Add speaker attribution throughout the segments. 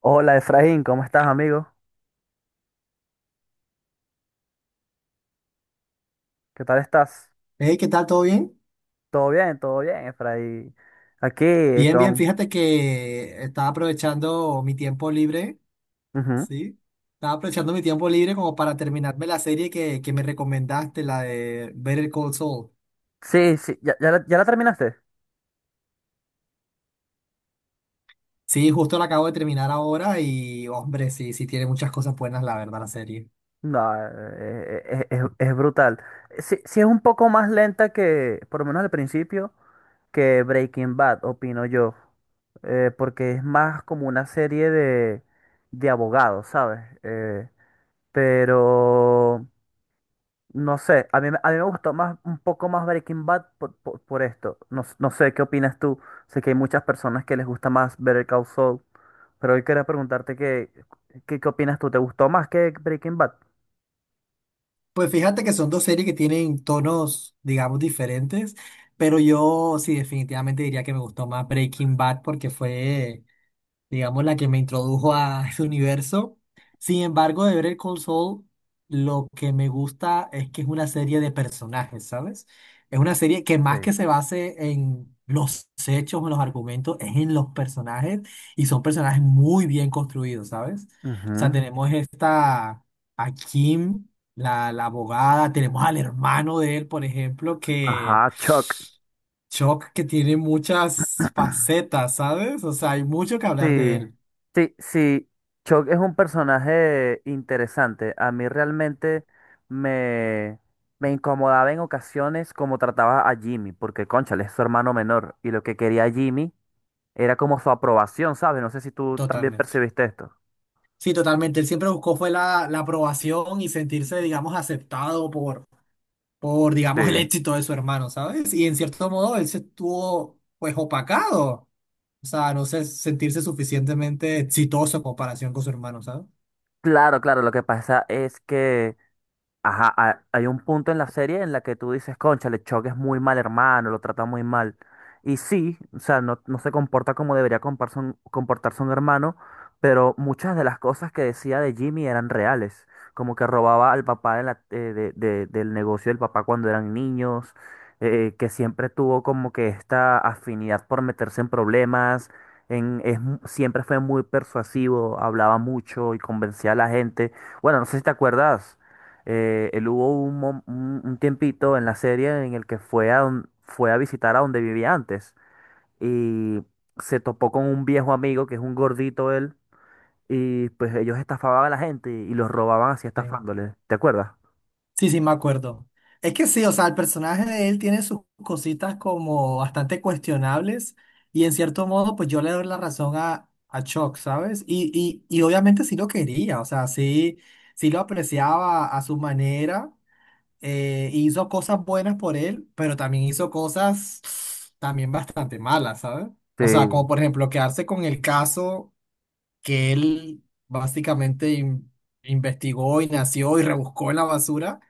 Speaker 1: Hola Efraín, ¿cómo estás, amigo? ¿Qué tal estás?
Speaker 2: Hey, ¿qué tal? ¿Todo bien?
Speaker 1: Todo bien, Efraín. Aquí
Speaker 2: Bien, bien.
Speaker 1: con...
Speaker 2: Fíjate que estaba aprovechando mi tiempo libre,
Speaker 1: Ujú.
Speaker 2: ¿sí? Estaba aprovechando mi tiempo libre como para terminarme la serie que me recomendaste, la de Better Call Saul.
Speaker 1: Sí, sí, ¿ya la terminaste?
Speaker 2: Sí, justo la acabo de terminar ahora y, hombre, sí, sí tiene muchas cosas buenas, la verdad, la serie.
Speaker 1: No, es brutal. Sí, sí es un poco más lenta que, por lo menos al principio, que Breaking Bad, opino yo. Porque es más como una serie de abogados, ¿sabes? Pero... No sé, a mí me gustó más, un poco más Breaking Bad por, por esto. No, no sé, ¿qué opinas tú? Sé que hay muchas personas que les gusta más Better Call Saul, pero hoy quería preguntarte qué qué opinas tú. ¿Te gustó más que Breaking Bad?
Speaker 2: Pues fíjate que son dos series que tienen tonos, digamos, diferentes, pero yo sí definitivamente diría que me gustó más Breaking Bad porque fue, digamos, la que me introdujo a ese universo. Sin embargo, de ver Call Saul, lo que me gusta es que es una serie de personajes, ¿sabes? Es una serie que más
Speaker 1: Sí.
Speaker 2: que se base en los hechos o en los argumentos, es en los personajes y son personajes muy bien construidos, ¿sabes? O sea,
Speaker 1: Ujú.
Speaker 2: tenemos esta, a Kim, la abogada, tenemos al hermano de él, por ejemplo, que...
Speaker 1: Ajá, Chuck.
Speaker 2: Shock que tiene muchas facetas, ¿sabes? O sea, hay mucho que hablar de
Speaker 1: Sí,
Speaker 2: él.
Speaker 1: sí, sí. Chuck es un personaje interesante. A mí realmente me, me incomodaba en ocasiones como trataba a Jimmy, porque, cónchale, es su hermano menor. Y lo que quería Jimmy era como su aprobación, ¿sabes? No sé si tú también
Speaker 2: Totalmente.
Speaker 1: percibiste esto.
Speaker 2: Sí, totalmente. Él siempre buscó fue la aprobación y sentirse, digamos, aceptado por digamos, el
Speaker 1: Sí.
Speaker 2: éxito de su hermano, ¿sabes? Y en cierto modo él se estuvo, pues, opacado. O sea, no sé, sentirse suficientemente exitoso en comparación con su hermano, ¿sabes?
Speaker 1: Claro, claro, lo que pasa es que, ajá, hay un punto en la serie en la que tú dices, cónchale, Chuck es muy mal hermano, lo trata muy mal. Y sí, o sea, no, no se comporta como comportarse un hermano, pero muchas de las cosas que decía de Jimmy eran reales. Como que robaba al papá de la- de- del negocio del papá cuando eran niños, que siempre tuvo como que esta afinidad por meterse en problemas, siempre fue muy persuasivo, hablaba mucho y convencía a la gente. Bueno, no sé si te acuerdas. Él hubo un, mom- un tiempito en la serie en el que fue a, fue a visitar a donde vivía antes y se topó con un viejo amigo que es un gordito él y pues ellos estafaban a la gente y los robaban así
Speaker 2: Sí.
Speaker 1: estafándoles. ¿Te acuerdas?
Speaker 2: Sí, sí, me acuerdo. Es que sí, o sea, el personaje de él tiene sus cositas como bastante cuestionables y en cierto modo, pues yo le doy la razón a Chuck, ¿sabes? Y obviamente sí lo quería, o sea, sí, sí lo apreciaba a su manera, hizo cosas buenas por él, pero también hizo cosas también bastante malas, ¿sabes? O sea, como
Speaker 1: Sí.
Speaker 2: por ejemplo quedarse con el caso que él básicamente investigó y nació y rebuscó en la basura,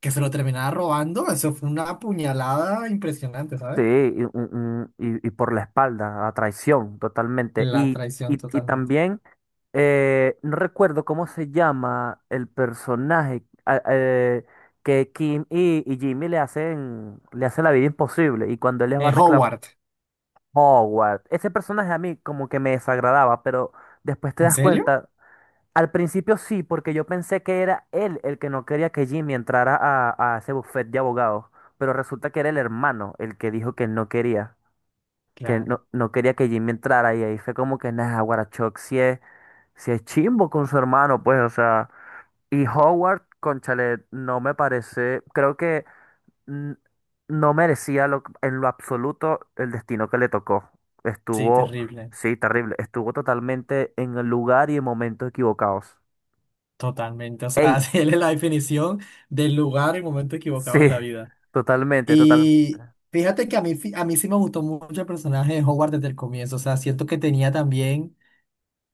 Speaker 2: que se lo terminaba robando, eso fue una puñalada impresionante,
Speaker 1: Sí,
Speaker 2: ¿sabes?
Speaker 1: y por la espalda, a traición, totalmente.
Speaker 2: La traición
Speaker 1: Y
Speaker 2: totalmente.
Speaker 1: también, no recuerdo cómo se llama el personaje, que Kim y Jimmy le hacen la vida imposible. Y cuando él les va a reclamar,
Speaker 2: Howard,
Speaker 1: Howard, ese personaje a mí como que me desagradaba, pero después te
Speaker 2: ¿en
Speaker 1: das
Speaker 2: serio?
Speaker 1: cuenta. Al principio sí, porque yo pensé que era él el que no quería que Jimmy entrara a ese buffet de abogados, pero resulta que era el hermano el que dijo que no quería, que
Speaker 2: Claro,
Speaker 1: no, no quería que Jimmy entrara, y ahí fue como que, nah, Guarachoc si es, si es chimbo con su hermano, pues, o sea. Y Howard, cónchale, no me parece, creo que mm, no merecía en lo absoluto el destino que le tocó.
Speaker 2: sí,
Speaker 1: Estuvo,
Speaker 2: terrible,
Speaker 1: sí, terrible, estuvo totalmente en el lugar y en momentos equivocados.
Speaker 2: totalmente. O
Speaker 1: Ey,
Speaker 2: sea, él es la definición del lugar y momento
Speaker 1: sí,
Speaker 2: equivocado en la vida.
Speaker 1: totalmente, total,
Speaker 2: Y fíjate que a mí, a mí sí me gustó mucho el personaje de Howard desde el comienzo, o sea, siento que tenía también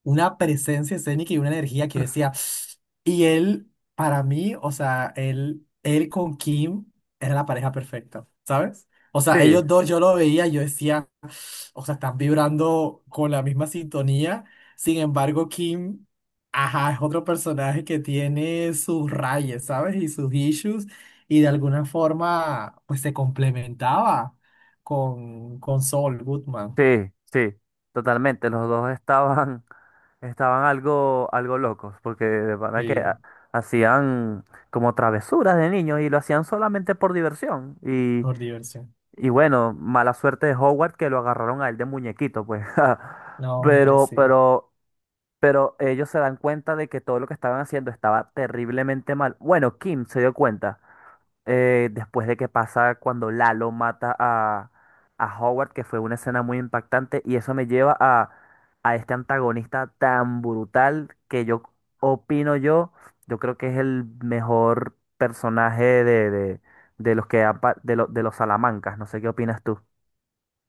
Speaker 2: una presencia escénica y una energía que decía, y él, para mí, o sea, él con Kim era la pareja perfecta, ¿sabes? O
Speaker 1: sí.
Speaker 2: sea, ellos dos yo lo veía, y yo decía, o sea, están vibrando con la misma sintonía, sin embargo, Kim, ajá, es otro personaje que tiene sus rayes, ¿sabes? Y sus issues, y de alguna forma, pues se complementaba con Saul Goodman,
Speaker 1: Sí, sí, totalmente. Los dos estaban, estaban algo, algo locos, porque de verdad que
Speaker 2: sí,
Speaker 1: hacían como travesuras de niños y lo hacían solamente por diversión.
Speaker 2: por diversión.
Speaker 1: Y bueno, mala suerte de Howard que lo agarraron a él de muñequito, pues.
Speaker 2: No, hombre,
Speaker 1: Pero,
Speaker 2: sí.
Speaker 1: pero, pero ellos se dan cuenta de que todo lo que estaban haciendo estaba terriblemente mal. Bueno, Kim se dio cuenta, después de que pasa cuando Lalo mata a Howard, que fue una escena muy impactante, y eso me lleva a este antagonista tan brutal que opino yo, yo creo que es el mejor personaje de los que han pa- de, lo- de los Salamancas, no sé qué opinas tú.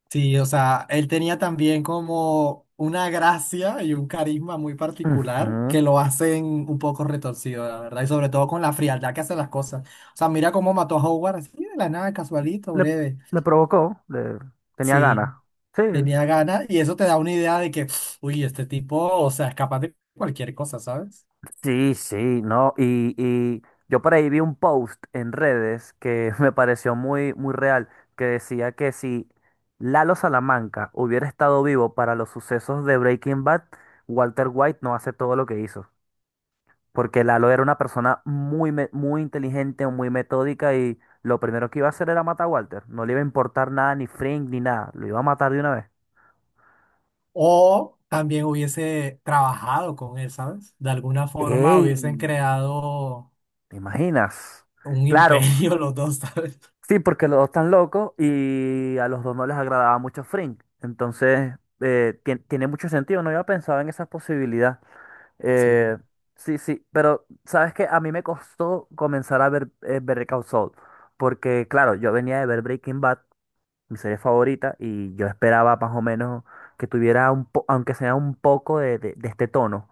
Speaker 2: Sí, o sea, él tenía también como una gracia y un carisma muy particular
Speaker 1: Ujú.
Speaker 2: que lo hacen un poco retorcido, la verdad, y sobre todo con la frialdad que hace las cosas. O sea, mira cómo mató a Howard así de la nada, casualito,
Speaker 1: Le,
Speaker 2: breve.
Speaker 1: le provocó, le tenía ganas.
Speaker 2: Sí,
Speaker 1: Sí,
Speaker 2: tenía ganas y eso te da una idea de que, uy, este tipo, o sea, es capaz de cualquier cosa, ¿sabes?
Speaker 1: sí, sí, no, y yo por ahí vi un post en redes que me pareció muy, muy real, que decía que si Lalo Salamanca hubiera estado vivo para los sucesos de Breaking Bad, Walter White no hace todo lo que hizo, porque Lalo era una persona muy, muy inteligente, muy metódica y lo primero que iba a hacer era matar a Walter, no le iba a importar nada, ni Frank, ni nada, lo iba a matar de una vez.
Speaker 2: O también hubiese trabajado con él, ¿sabes? De alguna forma
Speaker 1: ¡Ey!
Speaker 2: hubiesen creado
Speaker 1: ¿Te imaginas?
Speaker 2: un
Speaker 1: Claro,
Speaker 2: imperio los dos, ¿sabes?
Speaker 1: sí, porque los dos están locos y a los dos no les agradaba mucho Frink. Entonces, tiene mucho sentido, no había pensado en esa posibilidad.
Speaker 2: Sí.
Speaker 1: Eh, sí, sí, pero sabes que a mí me costó comenzar a ver, Better Call Saul, porque claro, yo venía de ver Breaking Bad, mi serie favorita, y yo esperaba más o menos que tuviera aunque sea un poco de, de este tono,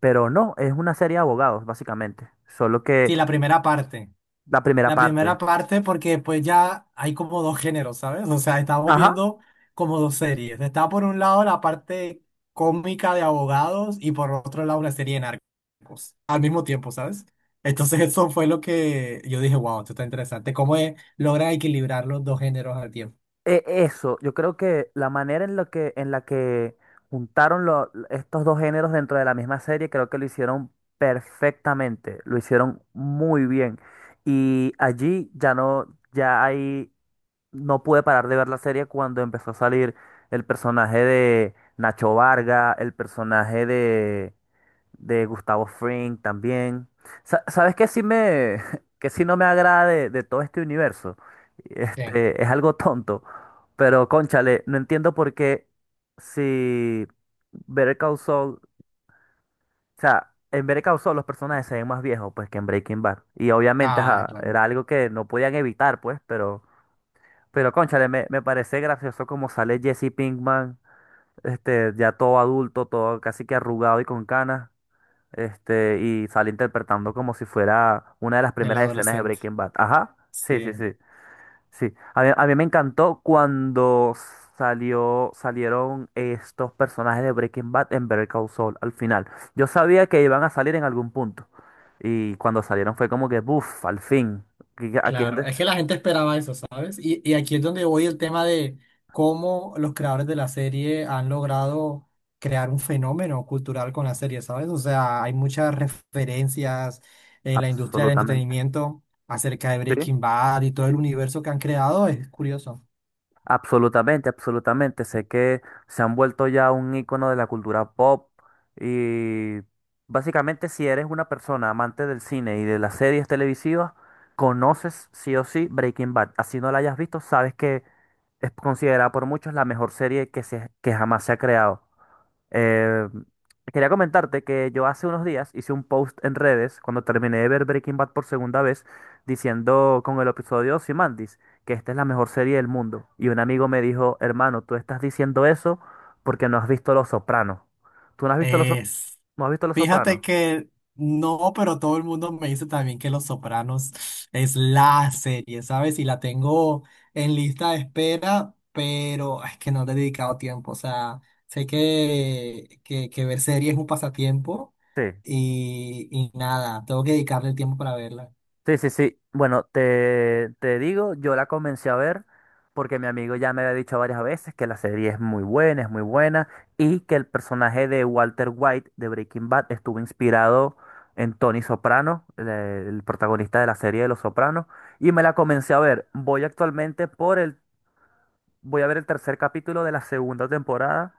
Speaker 1: pero no, es una serie de abogados, básicamente, solo que
Speaker 2: Sí, la primera parte.
Speaker 1: la primera
Speaker 2: La
Speaker 1: parte.
Speaker 2: primera parte porque pues ya hay como dos géneros, ¿sabes? O sea, estamos viendo como dos series. Está por un lado la parte cómica de abogados y por otro lado una serie de narcos al mismo tiempo, ¿sabes? Entonces eso fue lo que yo dije, wow, esto está interesante. ¿Cómo logran equilibrar los dos géneros al tiempo?
Speaker 1: Eso, yo creo que la manera en la que juntaron estos dos géneros dentro de la misma serie, creo que lo hicieron perfectamente, lo hicieron muy bien. Y allí ya no, ya ahí no pude parar de ver la serie cuando empezó a salir el personaje de Nacho Varga, el personaje de Gustavo Fring también. ¿Sabes qué sí que sí no me agrada de todo este universo?
Speaker 2: Bien.
Speaker 1: Este, es algo tonto, pero cónchale, no entiendo por qué si Better Call Saul, o sea, en Better Call Saul los personajes se ven más viejos pues que en Breaking Bad. Y obviamente
Speaker 2: Ah,
Speaker 1: ajá,
Speaker 2: claro.
Speaker 1: era algo que no podían evitar pues, pero cónchale, me parece gracioso como sale Jesse Pinkman, este, ya todo adulto, todo casi que arrugado y con canas. Este, y sale interpretando como si fuera una de las
Speaker 2: El
Speaker 1: primeras escenas de
Speaker 2: adolescente.
Speaker 1: Breaking Bad. Ajá, sí, sí,
Speaker 2: Sí.
Speaker 1: sí, sí. A mí me encantó cuando salió, salieron estos personajes de Breaking Bad en Better Call Saul al final. Yo sabía que iban a salir en algún punto. Y cuando salieron fue como que, buf, al fin. Aquí, aquí hay
Speaker 2: Claro,
Speaker 1: gente,
Speaker 2: es que la gente esperaba eso, ¿sabes? Y aquí es donde voy el tema de cómo los creadores de la serie han logrado crear un fenómeno cultural con la serie, ¿sabes? O sea, hay muchas referencias en la industria del
Speaker 1: absolutamente.
Speaker 2: entretenimiento acerca de
Speaker 1: Sí.
Speaker 2: Breaking Bad y todo el universo que han creado, es curioso.
Speaker 1: Absolutamente, absolutamente. Sé que se han vuelto ya un icono de la cultura pop y básicamente si eres una persona amante del cine y de las series televisivas, conoces sí o sí Breaking Bad. Así no la hayas visto, sabes que es considerada por muchos la mejor serie que jamás se ha creado. Eh, Quería comentarte que yo hace unos días hice un post en redes cuando terminé de ver Breaking Bad por segunda vez, diciendo con el episodio Ozymandias que esta es la mejor serie del mundo. Y un amigo me dijo, hermano, tú estás diciendo eso porque no has visto Los Sopranos. ¿Tú no has visto
Speaker 2: Es,
Speaker 1: no has visto Los
Speaker 2: fíjate
Speaker 1: Sopranos?
Speaker 2: que no, pero todo el mundo me dice también que Los Sopranos es la serie, ¿sabes? Y la tengo en lista de espera, pero es que no le he dedicado tiempo. O sea, sé que ver series es un pasatiempo
Speaker 1: Sí.
Speaker 2: y nada, tengo que dedicarle el tiempo para verla.
Speaker 1: Sí, sí, sí. Bueno, te digo, yo la comencé a ver porque mi amigo ya me había dicho varias veces que la serie es muy buena, y que el personaje de Walter White de Breaking Bad estuvo inspirado en Tony Soprano, el protagonista de la serie de Los Sopranos, y me la comencé a ver. Voy actualmente por el, voy a ver el tercer capítulo de la segunda temporada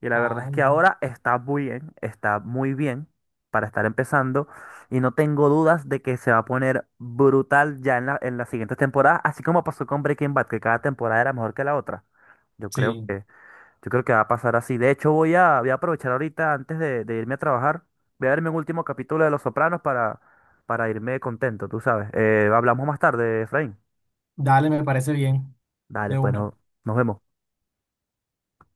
Speaker 1: y la verdad
Speaker 2: Ah,
Speaker 1: es que
Speaker 2: bien.
Speaker 1: ahora está muy bien para estar empezando y no tengo dudas de que se va a poner brutal ya en la, en las siguientes temporadas, así como pasó con Breaking Bad, que cada temporada era mejor que la otra. Yo creo
Speaker 2: Sí,
Speaker 1: que, yo creo que va a pasar así. De hecho, voy a, voy a aprovechar ahorita antes de irme a trabajar, voy a verme un último capítulo de Los Sopranos para irme contento, tú sabes. Hablamos más tarde, Efraín.
Speaker 2: dale, me parece bien.
Speaker 1: Dale,
Speaker 2: De
Speaker 1: pues
Speaker 2: una.
Speaker 1: nos vemos.